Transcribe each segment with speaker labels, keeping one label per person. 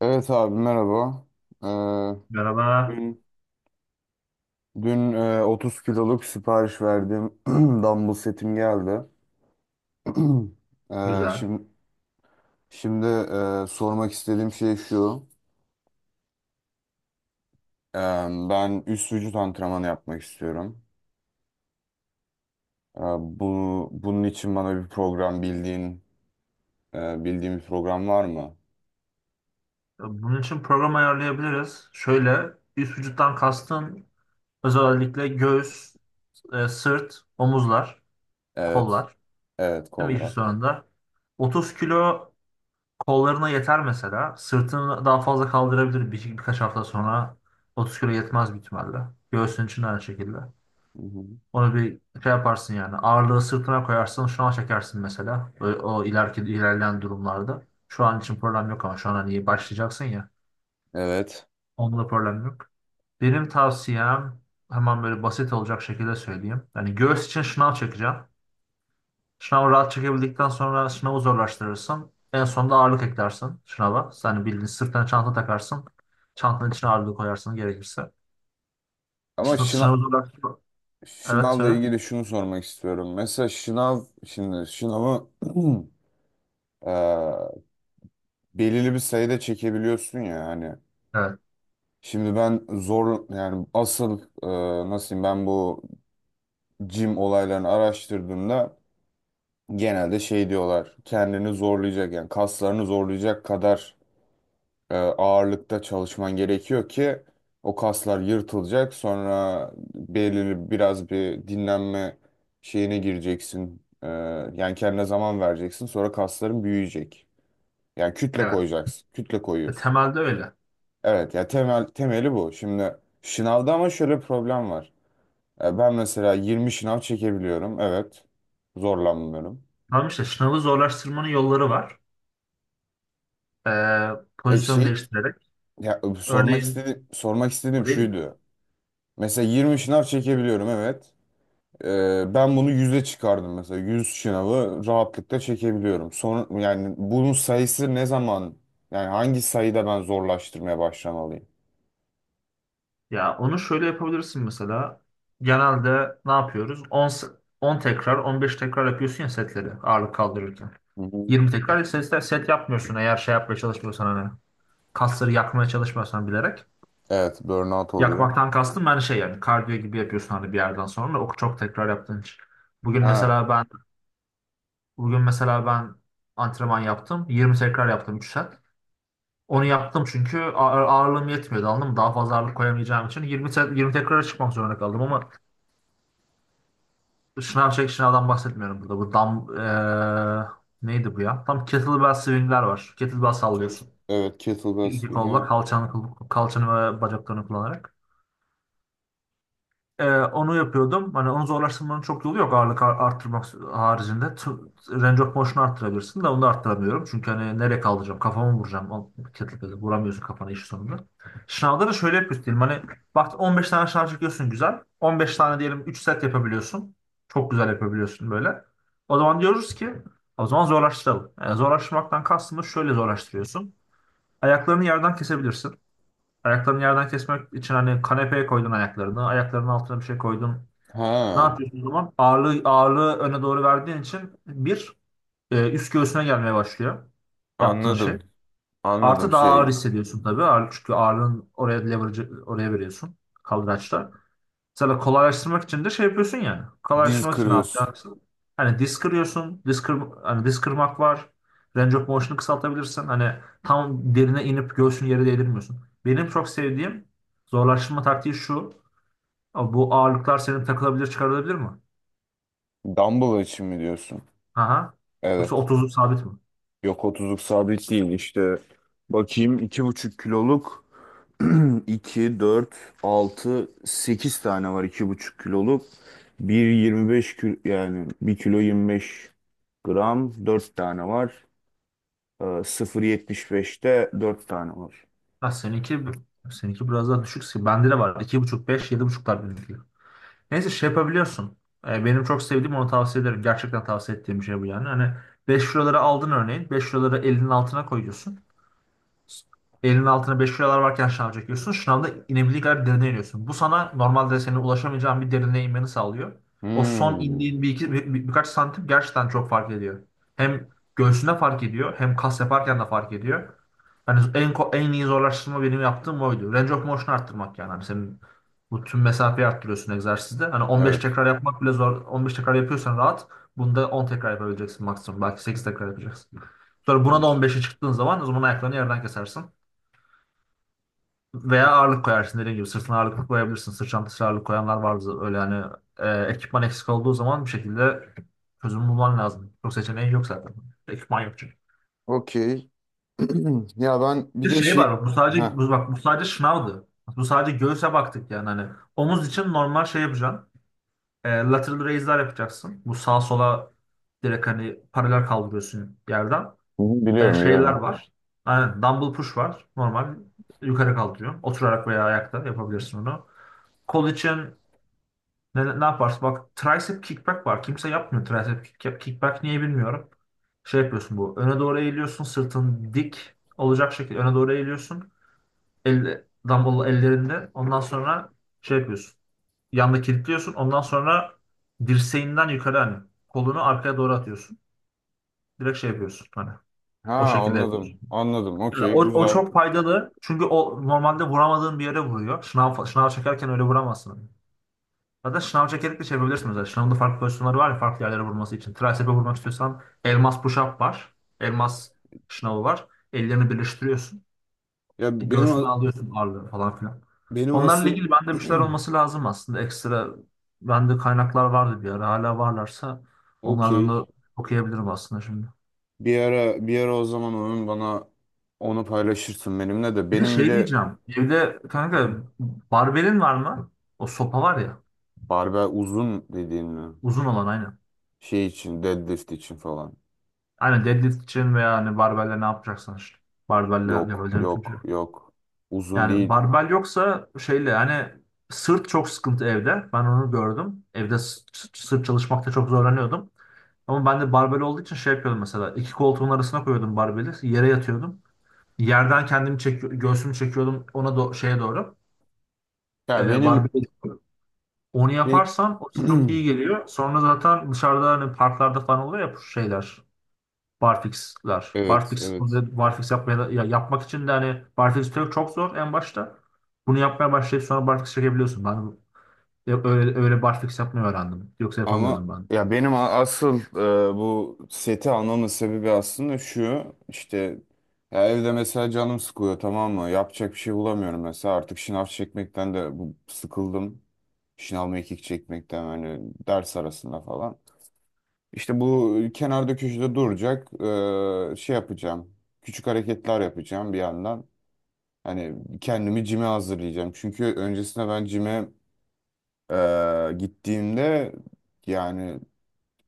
Speaker 1: Evet abi merhaba. Ee,
Speaker 2: Merhaba.
Speaker 1: dün dün 30 kiloluk sipariş verdiğim dumbbell setim geldi. Ee,
Speaker 2: Güzel.
Speaker 1: şimdi şimdi sormak istediğim şey şu. Ee, Ben üst vücut antrenmanı yapmak istiyorum. Bunun için bana bir program bildiğin e, bildiğim bir program var mı?
Speaker 2: Bunun için program ayarlayabiliriz. Şöyle üst vücuttan kastın özellikle göğüs, sırt, omuzlar,
Speaker 1: Evet.
Speaker 2: kollar.
Speaker 1: Evet,
Speaker 2: Değil mi
Speaker 1: kol
Speaker 2: işin
Speaker 1: var.
Speaker 2: sonunda? 30 kilo kollarına yeter mesela. Sırtını daha fazla kaldırabilir birkaç hafta sonra. 30 kilo yetmez büyük ihtimalle. Göğsün için de aynı şekilde.
Speaker 1: Hı hı.
Speaker 2: Onu bir şey yaparsın yani. Ağırlığı sırtına koyarsın. Şu an çekersin mesela. Böyle o ilerleyen durumlarda. Şu an için problem yok ama şu an hani başlayacaksın ya.
Speaker 1: Evet.
Speaker 2: Onda problem yok. Benim tavsiyem hemen böyle basit olacak şekilde söyleyeyim. Yani göğüs için şınav çekeceğim. Şınavı rahat çekebildikten sonra şınavı zorlaştırırsın. En sonunda ağırlık eklersin şınava. Yani bildiğin sırtına çanta takarsın. Çantanın içine ağırlık koyarsın gerekirse.
Speaker 1: Ama
Speaker 2: Şınavı
Speaker 1: şınav
Speaker 2: zorlaştır. Evet,
Speaker 1: şınavla
Speaker 2: söyle.
Speaker 1: ilgili şunu sormak istiyorum. Mesela şınavı e, belirli bir sayıda çekebiliyorsun ya hani.
Speaker 2: Evet.
Speaker 1: Şimdi ben zor yani asıl, nasıl diyeyim, ben bu jim olaylarını araştırdığımda genelde şey diyorlar: kendini zorlayacak yani kaslarını zorlayacak kadar ağırlıkta çalışman gerekiyor ki o kaslar yırtılacak, sonra belirli biraz bir dinlenme şeyine gireceksin. Yani kendine zaman vereceksin, sonra kasların büyüyecek, yani kütle
Speaker 2: Evet.
Speaker 1: koyacaksın, kütle
Speaker 2: Ve
Speaker 1: koyuyorsun.
Speaker 2: temelde öyle.
Speaker 1: Evet ya, temel temeli bu. Şimdi şınavda ama şöyle bir problem var. Ben mesela 20 şınav çekebiliyorum. Evet. Zorlanmıyorum.
Speaker 2: Tamam, işte şınavı zorlaştırmanın yolları var. Ee,
Speaker 1: E
Speaker 2: Pozisyon
Speaker 1: şey
Speaker 2: değiştirerek.
Speaker 1: Ya, sormak
Speaker 2: Örneğin
Speaker 1: istediğim sormak
Speaker 2: o
Speaker 1: istediğim
Speaker 2: değil mi?
Speaker 1: şuydu. Mesela 20 şınav çekebiliyorum, evet. Ben bunu 100'e çıkardım mesela. 100 şınavı rahatlıkla çekebiliyorum. Son, yani bunun sayısı ne zaman, yani hangi sayıda ben zorlaştırmaya başlamalıyım?
Speaker 2: Ya onu şöyle yapabilirsin mesela. Genelde ne yapıyoruz? 10 tekrar, 15 tekrar yapıyorsun ya setleri ağırlık kaldırırken.
Speaker 1: Hı hı.
Speaker 2: 20 tekrar set yapmıyorsun eğer şey yapmaya çalışmıyorsan hani. Kasları yakmaya çalışmıyorsan bilerek.
Speaker 1: Evet, burnout oluyor.
Speaker 2: Yakmaktan kastım ben şey yani kardiyo gibi yapıyorsun hani bir yerden sonra o çok tekrar yaptığın için. Bugün
Speaker 1: Ha.
Speaker 2: mesela ben bugün mesela ben antrenman yaptım. 20 tekrar yaptım 3 set. Onu yaptım çünkü ağırlığım yetmiyordu, anladın mı? Daha fazla ağırlık koyamayacağım için 20 tekrara çıkmak zorunda kaldım ama şınavdan bahsetmiyorum burada. Bu dam neydi bu ya? Tam kettlebell swingler var. Kettlebell sallıyorsun.
Speaker 1: Evet, kettlebell
Speaker 2: İki
Speaker 1: swing.
Speaker 2: kolla
Speaker 1: Evet.
Speaker 2: kalçanı ve bacaklarını kullanarak. Onu yapıyordum. Hani onu zorlaştırmanın çok yolu yok ağırlık arttırmak haricinde. Range of motion'u arttırabilirsin de onu da arttıramıyorum. Çünkü hani nereye kaldıracağım? Kafamı vuracağım. O kettlebell'e vuramıyorsun kafana iş sonunda. Şınavda da şöyle yapıyorsun diyelim. Hani bak 15 tane şınav çekiyorsun, güzel. 15 tane diyelim, 3 set yapabiliyorsun. Çok güzel yapabiliyorsun böyle. O zaman diyoruz ki o zaman zorlaştıralım. Yani zorlaştırmaktan kastımız şöyle zorlaştırıyorsun. Ayaklarını yerden kesebilirsin. Ayaklarını yerden kesmek için hani kanepeye koydun ayaklarını. Ayaklarının altına bir şey koydun. Ne
Speaker 1: Ha.
Speaker 2: yapıyorsun o zaman? Ağırlığı öne doğru verdiğin için bir üst göğsüne gelmeye başlıyor yaptığın şey.
Speaker 1: Anladım. Anladım
Speaker 2: Artı daha ağır
Speaker 1: şey.
Speaker 2: hissediyorsun tabii. Ağır, çünkü ağırlığın oraya leverage oraya veriyorsun kaldıraçta. Mesela kolaylaştırmak için de şey yapıyorsun yani.
Speaker 1: Diz
Speaker 2: Kolaylaştırmak için ne
Speaker 1: kırıyorsun.
Speaker 2: yapacaksın? Hani disk kırıyorsun. Hani disk kırmak var. Range of motion'u kısaltabilirsin. Hani tam derine inip göğsünü yere değdirmiyorsun. Benim çok sevdiğim zorlaştırma taktiği şu. Abi, bu ağırlıklar senin takılabilir çıkarılabilir mi?
Speaker 1: Dumbbell için mi diyorsun?
Speaker 2: Aha. Yoksa
Speaker 1: Evet.
Speaker 2: 30'luk sabit mi?
Speaker 1: Yok, otuzluk sabit değil işte. Bakayım, 2,5 kiloluk iki, dört, altı, 8 tane var 2,5 kiloluk. 1,25 kilo, yani 1 kilo 25 gram 4 tane var. 0,75'te 4 tane var.
Speaker 2: Ha, seninki biraz daha düşük. Bende de var. İki buçuk, beş, yedi buçuklar benimki. Neyse şey yapabiliyorsun. Benim çok sevdiğim onu tavsiye ederim. Gerçekten tavsiye ettiğim bir şey bu yani. Hani 5 liraları aldın örneğin. Beş liraları elinin altına koyuyorsun. Elinin altına 5 kilolar varken şınav çekiyorsun. Şınavda inebildiği kadar derine iniyorsun. Bu sana normalde senin ulaşamayacağın bir derine inmeni sağlıyor. O son
Speaker 1: Hmm,
Speaker 2: indiğin bir iki birkaç santim gerçekten çok fark ediyor. Hem göğsünde fark ediyor, hem kas yaparken de fark ediyor. Hani en iyi zorlaştırma benim yaptığım oydu. Range of motion arttırmak yani. Hani senin bu tüm mesafeyi arttırıyorsun egzersizde. Hani 15
Speaker 1: evet.
Speaker 2: tekrar yapmak bile zor. 15 tekrar yapıyorsan rahat. Bunda 10 tekrar yapabileceksin maksimum. Belki 8 tekrar yapacaksın. Sonra buna da 15'e çıktığın zaman o zaman ayaklarını yerden kesersin. Veya ağırlık koyarsın dediğim gibi. Sırtına ağırlık koyabilirsin. Sırt çantasına ağırlık koyanlar vardı. Öyle yani ekipman eksik olduğu zaman bir şekilde çözüm bulman lazım. Çok seçeneğin yok zaten. Ekipman yok çünkü.
Speaker 1: Okey. Ya, ben
Speaker 2: Bir
Speaker 1: bir de
Speaker 2: şey var
Speaker 1: şey... Heh.
Speaker 2: bak bu sadece şınavdı. Bu sadece göğüse baktık yani hani omuz için normal şey yapacaksın. Lateral raise'ler yapacaksın. Bu sağa sola direkt hani paralel kaldırıyorsun yerden.
Speaker 1: Hı hı,
Speaker 2: e,
Speaker 1: biliyorum
Speaker 2: şeyler
Speaker 1: biliyorum.
Speaker 2: var. Aynen, dumbbell push var. Normal yukarı kaldırıyorsun. Oturarak veya ayakta yapabilirsin onu. Kol için ne yaparsın? Bak tricep kickback var. Kimse yapmıyor tricep kickback. Niye bilmiyorum. Şey yapıyorsun bu. Öne doğru eğiliyorsun. Sırtın dik olacak şekilde öne doğru eğiliyorsun. Elle, dumbbell ellerinde. Ondan sonra şey yapıyorsun. Yanda kilitliyorsun. Ondan sonra dirseğinden yukarı hani kolunu arkaya doğru atıyorsun. Direkt şey yapıyorsun. Hani
Speaker 1: Ha,
Speaker 2: o şekilde yapıyorsun.
Speaker 1: anladım. Anladım. Okey,
Speaker 2: O
Speaker 1: güzel.
Speaker 2: çok faydalı. Çünkü o normalde vuramadığın bir yere vuruyor. Şınav çekerken öyle vuramazsın. Hatta şınav çekerek de çevirebilirsin mesela. Şınavın da farklı pozisyonları var ya farklı yerlere vurması için. Tricep'e vurmak istiyorsan elmas push-up var. Elmas şınavı var. Ellerini birleştiriyorsun.
Speaker 1: Ya
Speaker 2: E,
Speaker 1: benim a-
Speaker 2: Göğsüne alıyorsun ağırlığı falan filan.
Speaker 1: Benim
Speaker 2: Onlarla
Speaker 1: asıl
Speaker 2: ilgili bende bir şeyler olması lazım aslında. Ekstra bende kaynaklar vardı bir ara. Hala varlarsa onlardan
Speaker 1: okey.
Speaker 2: da okuyabilirim aslında şimdi.
Speaker 1: Bir ara, bir ara o zaman onun bana onu paylaşırsın benimle de.
Speaker 2: Bir de
Speaker 1: Benim bir
Speaker 2: şey
Speaker 1: de
Speaker 2: diyeceğim. Evde kanka barbelin var mı? O sopa var ya.
Speaker 1: barbell uzun dediğin mi?
Speaker 2: Uzun olan aynen.
Speaker 1: Şey için Deadlift için falan.
Speaker 2: Aynen, deadlift için veya hani barbelle ne yapacaksan işte. Barbelle
Speaker 1: Yok,
Speaker 2: yapabileceğin bütün şey.
Speaker 1: yok, yok. Uzun
Speaker 2: Yani
Speaker 1: değil.
Speaker 2: barbel yoksa şeyle hani sırt çok sıkıntı evde. Ben onu gördüm. Evde sırt çalışmakta çok zorlanıyordum. Ama ben de barbel olduğu için şey yapıyordum mesela. İki koltuğun arasına koyuyordum barbeli. Yere yatıyordum. Yerden kendimi çekiyor, göğsümü çekiyordum ona şeye doğru.
Speaker 1: Ya,
Speaker 2: E,
Speaker 1: benim
Speaker 2: barbeli. Onu
Speaker 1: bir
Speaker 2: yaparsan o size çok iyi geliyor. Sonra zaten dışarıda hani parklarda falan oluyor ya bu şeyler. Barfix'ler.
Speaker 1: evet,
Speaker 2: Barfix,
Speaker 1: evet.
Speaker 2: barfix yapmaya, ya yapmak için de hani barfix çok, çok zor en başta. Bunu yapmaya başlayıp sonra barfix çekebiliyorsun. Ben de öyle barfix yapmayı öğrendim. Yoksa
Speaker 1: Ama
Speaker 2: yapamıyordum ben.
Speaker 1: ya benim a- asıl bu seti almamın sebebi aslında şu işte: ya evde mesela canım sıkılıyor, tamam mı? Yapacak bir şey bulamıyorum mesela, artık şınav çekmekten de sıkıldım. Şınav, mekik çekmekten hani, ders arasında falan. İşte bu kenarda köşede duracak, şey yapacağım. Küçük hareketler yapacağım bir yandan. Hani kendimi cime hazırlayacağım. Çünkü öncesinde ben cime gittiğimde, yani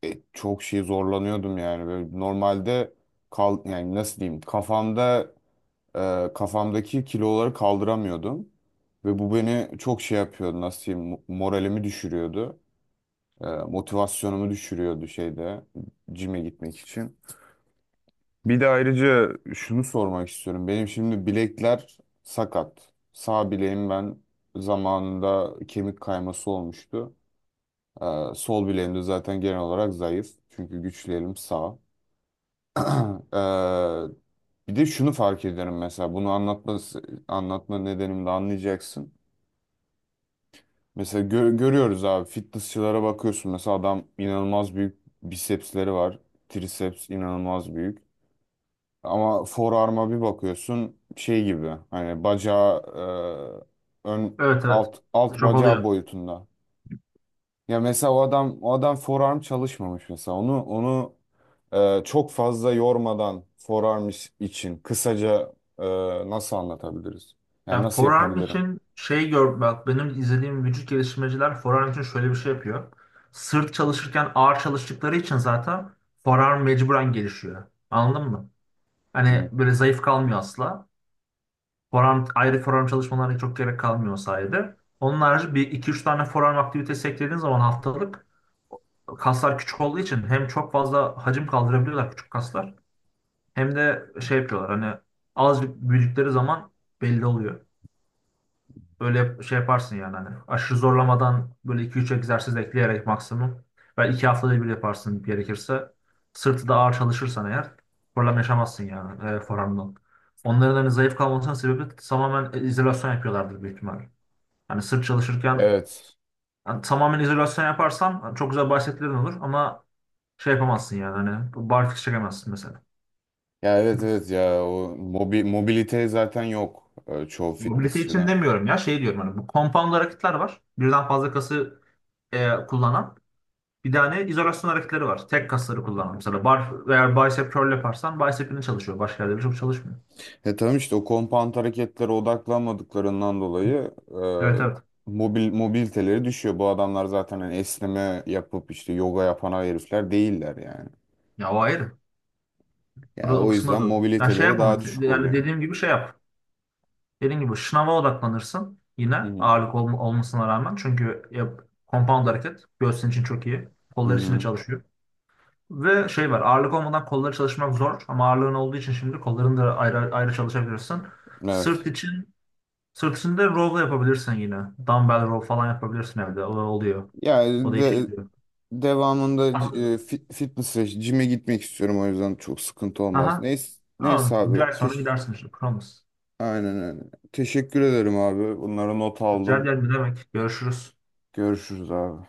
Speaker 1: çok şey zorlanıyordum yani. Böyle normalde yani nasıl diyeyim, kafamdaki kiloları kaldıramıyordum ve bu beni çok şey yapıyordu, nasıl diyeyim, moralimi düşürüyordu. Motivasyonumu düşürüyordu şeyde, cime gitmek için. Bir de ayrıca şunu sormak istiyorum. Benim şimdi bilekler sakat. Sağ bileğim, ben zamanında kemik kayması olmuştu. E, Sol bileğim de zaten genel olarak zayıf. Çünkü güçlerim sağ. Eee, Bir de şunu fark ediyorum: mesela bunu anlatma nedenimi de anlayacaksın. Mesela görüyoruz abi, fitnessçılara bakıyorsun, mesela adam inanılmaz büyük bisepsleri var. Triceps inanılmaz büyük. Ama forearm'a bir bakıyorsun, şey gibi hani, bacağı ön
Speaker 2: Evet, evet.
Speaker 1: alt
Speaker 2: Çok
Speaker 1: bacağı
Speaker 2: oluyor.
Speaker 1: boyutunda. Ya mesela o adam forearm çalışmamış mesela. Onu çok fazla yormadan forearm için kısaca, e, nasıl anlatabiliriz? Yani
Speaker 2: Ya
Speaker 1: nasıl
Speaker 2: forearm
Speaker 1: yapabilirim?
Speaker 2: için şey bak benim izlediğim vücut geliştirmeciler forearm için şöyle bir şey yapıyor. Sırt çalışırken ağır çalıştıkları için zaten forearm mecburen gelişiyor. Anladın mı?
Speaker 1: Hı.
Speaker 2: Hani böyle zayıf kalmıyor asla. Ayrı forum çalışmalarına çok gerek kalmıyor o sayede. Onun harici bir iki üç tane forum aktivitesi eklediğiniz zaman haftalık kaslar küçük olduğu için hem çok fazla hacim kaldırabiliyorlar küçük kaslar hem de şey yapıyorlar hani azıcık büyüdükleri zaman belli oluyor. Böyle şey yaparsın yani hani aşırı zorlamadan böyle iki üç egzersiz ekleyerek maksimum. Ve 2 haftada bir yaparsın gerekirse. Sırtı da ağır çalışırsan eğer problem yaşamazsın yani forearmdan. Onların hani zayıf kalmasının sebebi tamamen izolasyon yapıyorlardır büyük ihtimal. Hani sırt çalışırken
Speaker 1: Evet.
Speaker 2: hani tamamen izolasyon yaparsan hani çok güzel bahsetlerin olur ama şey yapamazsın yani hani barfiks çekemezsin mesela.
Speaker 1: Ya evet, evet, ya o mobilite zaten yok çoğu
Speaker 2: Mobility için
Speaker 1: fitnessçıda.
Speaker 2: demiyorum ya şey diyorum hani bu compound hareketler var. Birden fazla kası kullanan. Bir tane izolasyon hareketleri var. Tek kasları kullanan. Mesela eğer bicep curl yaparsan bicep'ini çalışıyor. Başka yerleri çok çalışmıyor.
Speaker 1: Tamam işte, o compound hareketlere odaklanmadıklarından dolayı
Speaker 2: Evet, evet.
Speaker 1: mobiliteleri düşüyor. Bu adamlar zaten hani esneme yapıp işte yoga yapan herifler değiller yani.
Speaker 2: Ya o ayrı.
Speaker 1: Ya
Speaker 2: Orada o
Speaker 1: o
Speaker 2: kısma
Speaker 1: yüzden
Speaker 2: doğru. Ya şey
Speaker 1: mobiliteleri
Speaker 2: yapma.
Speaker 1: daha düşük
Speaker 2: Yani
Speaker 1: oluyor.
Speaker 2: dediğim gibi şey yap. Dediğim gibi şınava odaklanırsın. Yine
Speaker 1: Hmm.
Speaker 2: ağırlık olmasına rağmen. Çünkü compound hareket. Göğsün için çok iyi.
Speaker 1: Hı
Speaker 2: Kollar için de
Speaker 1: hı.
Speaker 2: çalışıyor. Ve şey var. Ağırlık olmadan kolları çalışmak zor. Ama ağırlığın olduğu için şimdi kollarını da ayrı ayrı çalışabilirsin. Sırt
Speaker 1: Evet.
Speaker 2: için Sırtında row da yapabilirsin yine. Dumbbell row falan yapabilirsin evde. O oluyor.
Speaker 1: Ya
Speaker 2: O da işe
Speaker 1: de,
Speaker 2: yarıyor.
Speaker 1: Devamında
Speaker 2: Aha.
Speaker 1: fitness'e, cime gitmek istiyorum, o yüzden çok sıkıntı olmaz.
Speaker 2: Aha.
Speaker 1: Neyse, neyse
Speaker 2: Tamam. Bir ay
Speaker 1: abi.
Speaker 2: sonra gidersin işte. Promise.
Speaker 1: Aynen öyle. Teşekkür ederim abi. Bunları not
Speaker 2: Rica
Speaker 1: aldım.
Speaker 2: ederim, ne demek. Görüşürüz.
Speaker 1: Görüşürüz abi.